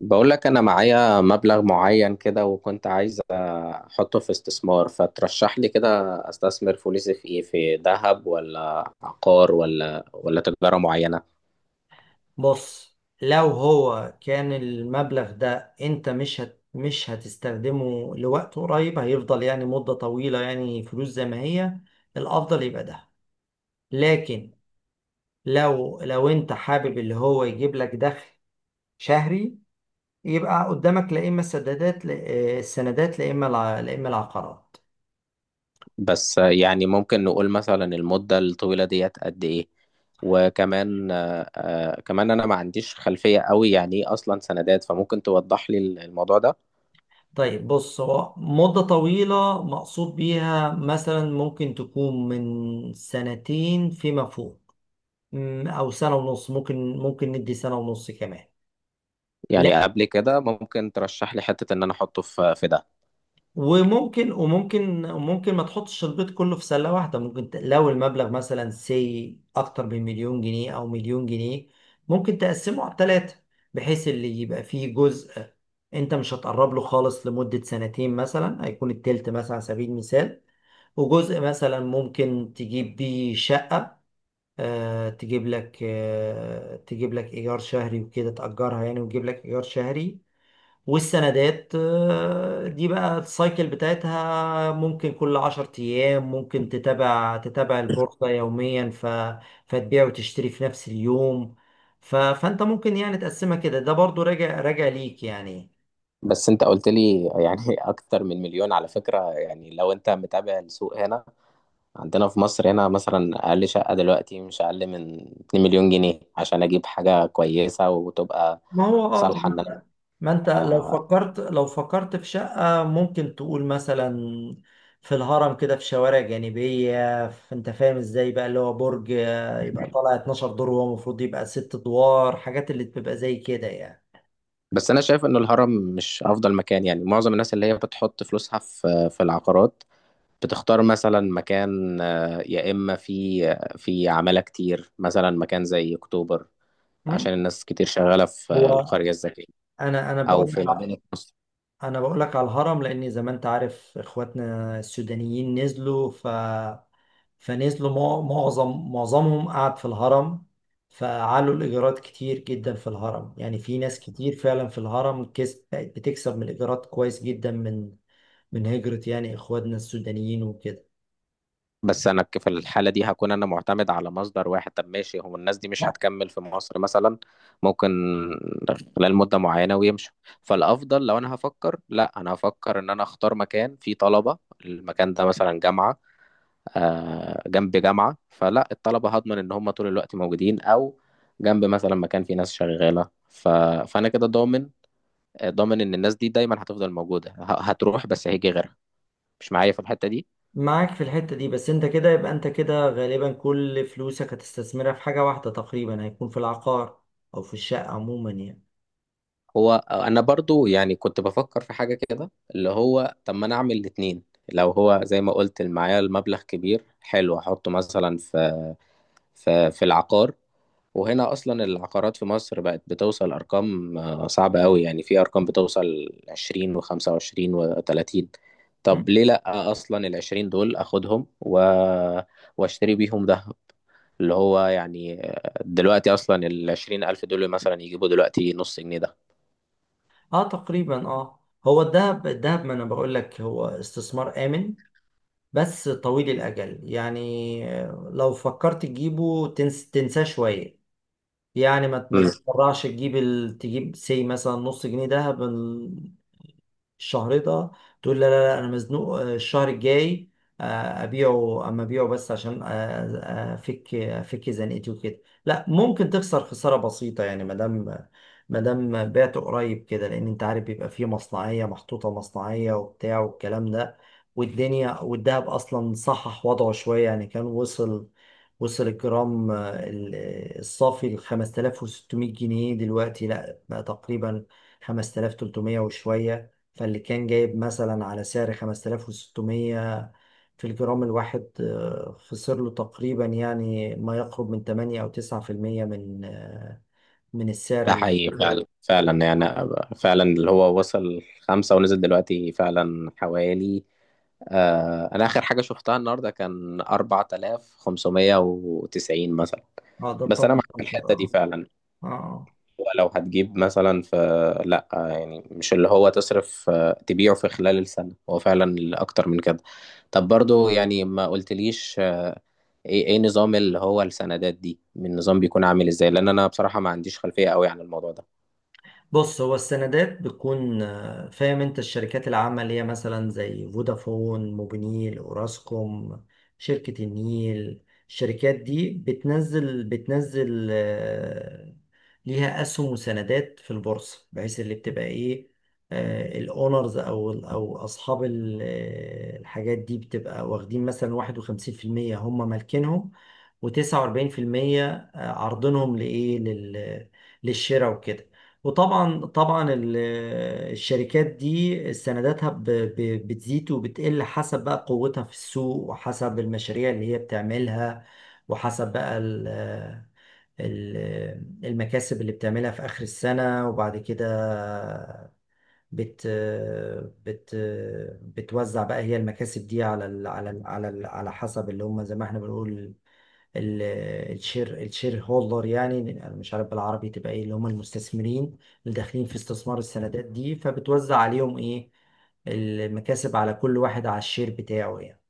بقول لك انا معايا مبلغ معين كده، وكنت عايز احطه في استثمار، فترشح لي كده. استثمر فلوسي في ايه؟ في ذهب ولا عقار ولا تجارة معينة؟ بص، لو هو كان المبلغ ده انت مش هتستخدمه لوقت قريب، هيفضل يعني مدة طويلة، يعني فلوس زي ما هي. الافضل يبقى ده. لكن لو انت حابب اللي هو يجيب لك دخل شهري، يبقى قدامك لا اما السدادات لا- آه، السندات، لا اما لا اما العقارات. بس يعني ممكن نقول مثلا المدة الطويلة ديت قد ايه؟ وكمان كمان انا ما عنديش خلفية قوي، يعني ايه اصلا سندات؟ فممكن توضح لي الموضوع ده. طيب، بص، هو مدة طويلة مقصود بيها مثلا ممكن تكون من سنتين فيما فوق. او سنه ونص، ممكن ندي سنه ونص كمان. لا، يعني قبل كده ممكن ترشح لي حتة ان انا احطه في ده؟ وممكن ما تحطش البيض كله في سله واحده. ممكن لو المبلغ مثلا اكتر من مليون جنيه او مليون جنيه، ممكن تقسمه على ثلاثه بحيث اللي يبقى فيه جزء انت مش هتقرب له خالص لمده سنتين مثلا، هيكون التلت مثلا على سبيل المثال. وجزء مثلا ممكن تجيب بيه شقه، تجيب لك ايجار شهري وكده، تأجرها يعني وتجيب لك ايجار شهري. والسندات دي بقى السايكل بتاعتها ممكن كل 10 أيام، ممكن تتابع البورصة يوميا، فتبيع وتشتري في نفس اليوم. فأنت ممكن يعني تقسمها كده، ده برضو راجع ليك يعني. بس انت قلت لي يعني اكتر من مليون، على فكرة يعني لو انت متابع السوق هنا، عندنا في مصر هنا مثلا اقل شقة دلوقتي مش اقل من 2 مليون جنيه عشان اجيب حاجة كويسة وتبقى ما هو اه. صالحة ان ما انت لو انا فكرت، في شقة ممكن تقول مثلا في الهرم كده، في شوارع جانبية، في انت فاهم ازاي بقى اللي هو برج يبقى طالع 12 دور وهو المفروض يبقى 6 ادوار، حاجات اللي بتبقى زي كده يعني. بس انا شايف ان الهرم مش افضل مكان، يعني معظم الناس اللي هي بتحط فلوسها في العقارات، بتختار مثلا مكان، يا اما في في عمالة كتير، مثلا مكان زي اكتوبر، عشان مم. الناس كتير شغالة في هو القرية الذكية، انا او بقول في لك مدينة نصر. انا بقول لك على الهرم لان زي ما انت عارف اخواتنا السودانيين نزلوا، ف فنزلوا معظمهم قعد في الهرم. فعلوا الإيجارات كتير جدا في الهرم، يعني في ناس كتير فعلا في الهرم بقت بتكسب من الإيجارات كويس جدا، من هجرة يعني إخواتنا السودانيين وكده. بس انا في الحاله دي هكون انا معتمد على مصدر واحد. طب ماشي، هو الناس دي مش هتكمل في مصر مثلا، ممكن خلال مده معينه ويمشوا. فالافضل لو انا هفكر، لا انا هفكر ان انا اختار مكان فيه طلبه. المكان ده مثلا جامعه، آه جنب جامعه، فلا الطلبه هضمن ان هم طول الوقت موجودين، او جنب مثلا مكان فيه ناس شغاله فانا كده ضامن، ضامن ان الناس دي دايما هتفضل موجوده، هتروح بس هيجي غيرها. مش معايا في الحته دي؟ معاك في الحتة دي، بس انت كده يبقى انت كده غالبا كل فلوسك هتستثمرها في حاجة واحدة تقريبا، هيكون في العقار او في الشقة عموما يعني. هو انا برضو يعني كنت بفكر في حاجة كده، اللي هو طب ما انا اعمل الاتنين؟ لو هو زي ما قلت معايا المبلغ كبير، حلو احطه مثلا في في العقار. وهنا اصلا العقارات في مصر بقت بتوصل ارقام صعبة قوي، يعني في ارقام بتوصل 20 و25 و30. م؟ طب ليه لا؟ اصلا العشرين دول اخدهم واشتري بيهم ذهب، اللي هو يعني دلوقتي اصلا العشرين الف دول مثلا يجيبوا دلوقتي نص جنيه ده. اه تقريبا، اه. هو الذهب، ما انا بقول لك هو استثمار آمن بس طويل الأجل يعني. لو فكرت تجيبه تنساه شوية. يعني ما تتسرعش، تجيب تجيب مثلا نص جنيه دهب الشهر ده، تقول لا لا لا انا مزنوق الشهر الجاي آه، ابيعه، ابيعه بس عشان افك زنقتي وكده. لا، ممكن تخسر خسارة بسيطة يعني، ما دام بعت قريب كده لان انت عارف بيبقى فيه مصنعية محطوطة، مصنعية وبتاع والكلام ده. والدنيا والدهب اصلا صحح وضعه شوية يعني، كان وصل الجرام الصافي ل 5600 جنيه، دلوقتي لا بقى تقريبا 5300 وشوية. فاللي كان جايب مثلا على سعر 5600 في الجرام الواحد خسر له تقريبا يعني ما يقرب من 8 أو 9% من السعر ده اللي حقيقي فعلا، فعلا يعني، فعلا اللي هو وصل خمسة ونزل دلوقتي فعلا حوالي، آه أنا آخر حاجة شفتها النهاردة كان 4590 مثلا. اه ده بس أنا طبعا معاك في 10. الحتة دي اه. فعلا. آه. آه. هو لو هتجيب مثلا في، لأ يعني مش اللي هو تصرف تبيعه في خلال السنة، هو فعلا أكتر من كده. طب برضو يعني ما قلتليش إيه نظام اللي هو السندات دي؟ من نظام بيكون عامل إزاي؟ لأن أنا بصراحة ما عنديش خلفية أوي عن الموضوع ده. بص، هو السندات بتكون فاهم انت، الشركات العامة اللي هي مثلا زي فودافون، موبينيل، اوراسكوم، شركة النيل، الشركات دي بتنزل ليها اسهم وسندات في البورصة، بحيث اللي بتبقى ايه، الاونرز او اصحاب الحاجات دي بتبقى واخدين مثلا 51% هم مالكينهم، و49% عرضنهم لايه، للشراء وكده. وطبعا الشركات دي سنداتها بتزيد وبتقل حسب بقى قوتها في السوق، وحسب المشاريع اللي هي بتعملها، وحسب بقى المكاسب اللي بتعملها في آخر السنة. وبعد كده بت بت بتوزع بقى هي المكاسب دي على ال على ال على ال على حسب اللي هم زي ما احنا بنقول ال- الشير هولدر، يعني انا مش عارف بالعربي تبقى ايه، اللي هم المستثمرين اللي داخلين في استثمار السندات دي، فبتوزع عليهم ايه المكاسب، على كل واحد على الشير بتاعه يعني.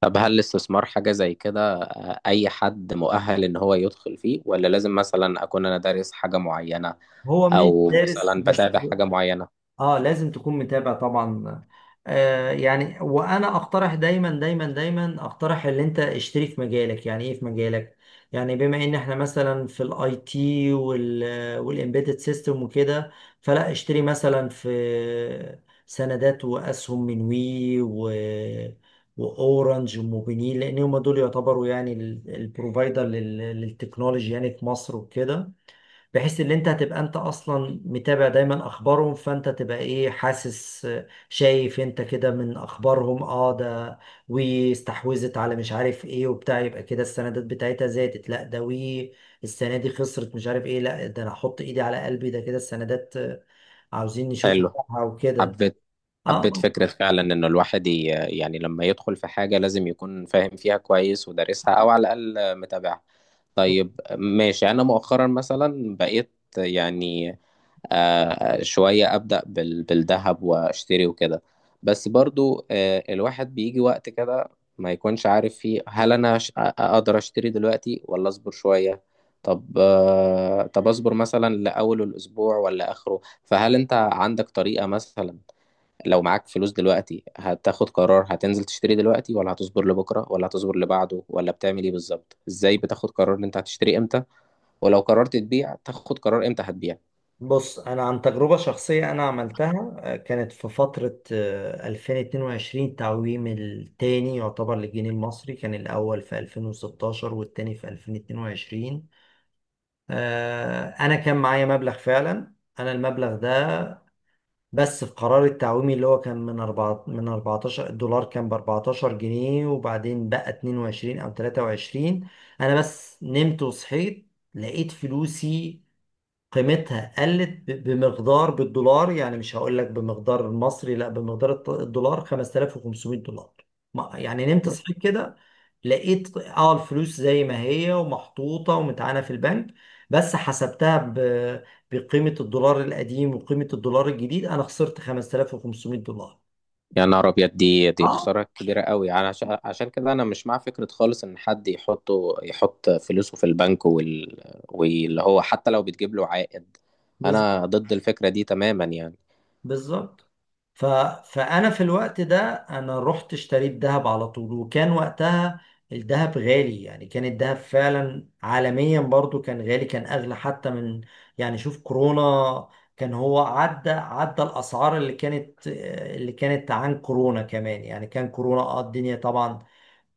طب هل الاستثمار حاجة زي كده أي حد مؤهل إن هو يدخل فيه، ولا لازم مثلا أكون أنا دارس حاجة معينة، هو مش أو دارس مثلا بس. بتابع حاجة معينة؟ اه، لازم تكون متابع طبعا. يعني وانا اقترح دايما دايما دايما، اقترح ان انت اشتري في مجالك. يعني ايه في مجالك؟ يعني بما ان احنا مثلا في الاي تي وال والامبيدد سيستم وكده، فلا اشتري مثلا في سندات واسهم من وي واورنج وموبينيل، لان هم دول يعتبروا يعني البروفايدر للتكنولوجي يعني في مصر وكده، بحيث ان انت هتبقى انت اصلا متابع دايما اخبارهم، فانت تبقى ايه، حاسس شايف انت كده من اخبارهم. اه، ده واستحوذت على مش عارف ايه وبتاع، يبقى كده السندات بتاعتها زادت. لا، ده وي السنه دي خسرت مش عارف ايه. لا، ده انا احط ايدي على قلبي، ده كده السندات عاوزين نشوف حلو، بتاعها وكده. حبيت، حبيت اه، فكرة فعلا إن الواحد يعني لما يدخل في حاجة لازم يكون فاهم فيها كويس ودارسها، أو على الأقل متابعها. طيب ماشي، أنا مؤخرا مثلا بقيت يعني شوية أبدأ بالذهب وأشتري وكده. بس برضو الواحد بيجي وقت كده ما يكونش عارف فيه، هل أنا أقدر أشتري دلوقتي ولا أصبر شوية؟ طب طب أصبر مثلا لأول الأسبوع ولا آخره؟ فهل انت عندك طريقة مثلا لو معاك فلوس دلوقتي هتاخد قرار، هتنزل تشتري دلوقتي ولا هتصبر لبكرة ولا هتصبر لبعده ولا بتعمل ايه بالظبط؟ ازاي بتاخد قرار ان انت هتشتري امتى؟ ولو قررت تبيع تاخد قرار امتى هتبيع؟ بص، انا عن تجربه شخصيه انا عملتها، كانت في فتره، 2022 تعويم التاني يعتبر للجنيه المصري. كان الاول في 2016 والتاني في 2022. انا كان معايا مبلغ فعلا، انا المبلغ ده بس في قرار التعويمي اللي هو كان من 4 من 14، الدولار كان ب 14 جنيه وبعدين بقى 22 او 23. انا بس نمت وصحيت لقيت فلوسي قيمتها قلت بمقدار بالدولار، يعني مش هقول لك بمقدار المصري لا بمقدار الدولار، 5500 دولار. يعني نمت صحيت كده لقيت اه الفلوس زي ما هي ومحطوطة ومتعانة في البنك، بس حسبتها بقيمة الدولار القديم وقيمة الدولار الجديد انا خسرت 5500 دولار. يا نهار ابيض، دي اه خسارة كبيرة قوي يعني. عشان عشان كده انا مش مع فكرة خالص ان حد يحطه، يحط فلوسه في البنك واللي هو حتى لو بتجيب له عائد. انا ضد الفكرة دي تماما يعني. بالظبط. ف... فانا في الوقت ده انا رحت اشتريت ذهب على طول، وكان وقتها الذهب غالي يعني. كان الذهب فعلا عالميا برضو كان غالي، كان اغلى حتى من يعني شوف كورونا، كان هو عدى الاسعار اللي كانت عن كورونا كمان يعني. كان كورونا اه الدنيا طبعا،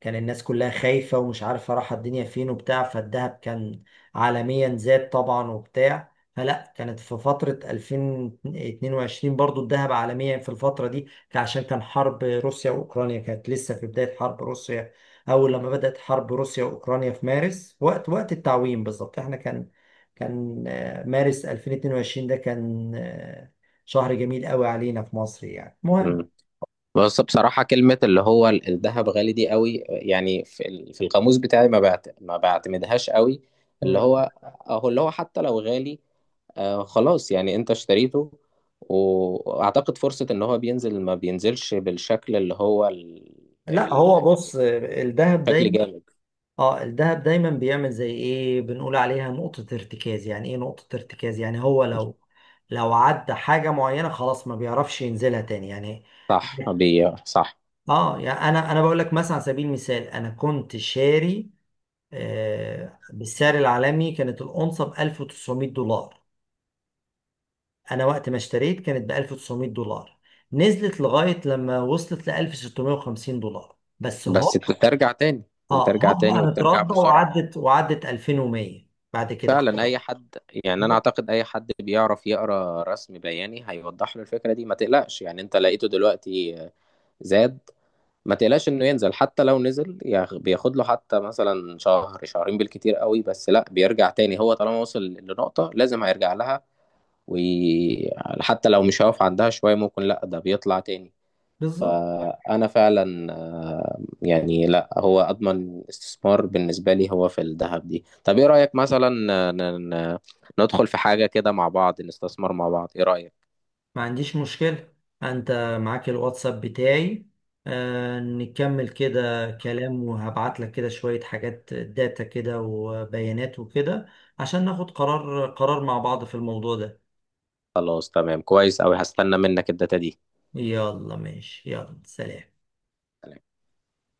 كان الناس كلها خايفة ومش عارفة رايحة الدنيا فين وبتاع، فالذهب كان عالميا زاد طبعا وبتاع. فلا كانت في فترة 2022 برضو الذهب عالميا في الفترة دي عشان كان حرب روسيا وأوكرانيا كانت لسه في بداية حرب روسيا. أول لما بدأت حرب روسيا وأوكرانيا في مارس، وقت التعويم بالظبط احنا كان مارس 2022 ده كان شهر جميل قوي علينا في مصر يعني، المهم. بس بصراحة كلمة اللي هو الذهب غالي دي قوي يعني في في القاموس بتاعي ما بعت، ما بعتمدهاش قوي، اللي مم. هو اهو اللي هو حتى لو غالي، آه خلاص يعني انت اشتريته، واعتقد فرصة ان هو بينزل، ما بينزلش بالشكل اللي هو لا، هو ال- بص، الذهب الشكل دايما. جامد. اه، الذهب دايما بيعمل زي ايه، بنقول عليها نقطة ارتكاز. يعني ايه نقطة ارتكاز؟ يعني هو لو عدى حاجة معينة خلاص ما بيعرفش ينزلها تاني يعني. صح، اه، يعني انا بقول لك مثلا على سبيل المثال، انا كنت شاري آه بالسعر العالمي كانت الأونصة ب 1900 دولار. انا وقت ما اشتريت كانت ب 1900 دولار، نزلت لغاية لما وصلت ل 1650 دولار، بس بس هو بترجع تاني، اه بترجع تاني هبقى وبترجع مترضع بسرعة. وعدت 2100 بعد كده فعلا اي خلاص. حد، يعني انا اعتقد اي حد بيعرف يقرا رسم بياني هيوضح له الفكره دي. ما تقلقش يعني انت لقيته دلوقتي زاد، ما تقلقش انه ينزل، حتى لو نزل بياخد له حتى مثلا شهر شهرين بالكتير قوي، بس لا بيرجع تاني، هو طالما وصل لنقطه لازم هيرجع لها، وحتى لو مش هيقف عندها شويه ممكن لا ده بيطلع تاني. بالظبط. فأنا فعلا يعني لا هو أضمن استثمار بالنسبة لي هو في الذهب دي. طب إيه رأيك مثلا آه، ن- ن- ندخل في حاجة كده مع بعض، نستثمر مع بعض، إيه رأيك؟ ما عنديش مشكلة. انت معاك الواتساب بتاعي، نكمل كده كلام وهبعت لك كده شوية حاجات داتا كده وبيانات وكده، عشان ناخد قرار مع بعض في الموضوع ده. خلاص، تمام، كويس أوي، هستنى منك الداتا دي. يلا ماشي، يلا سلام.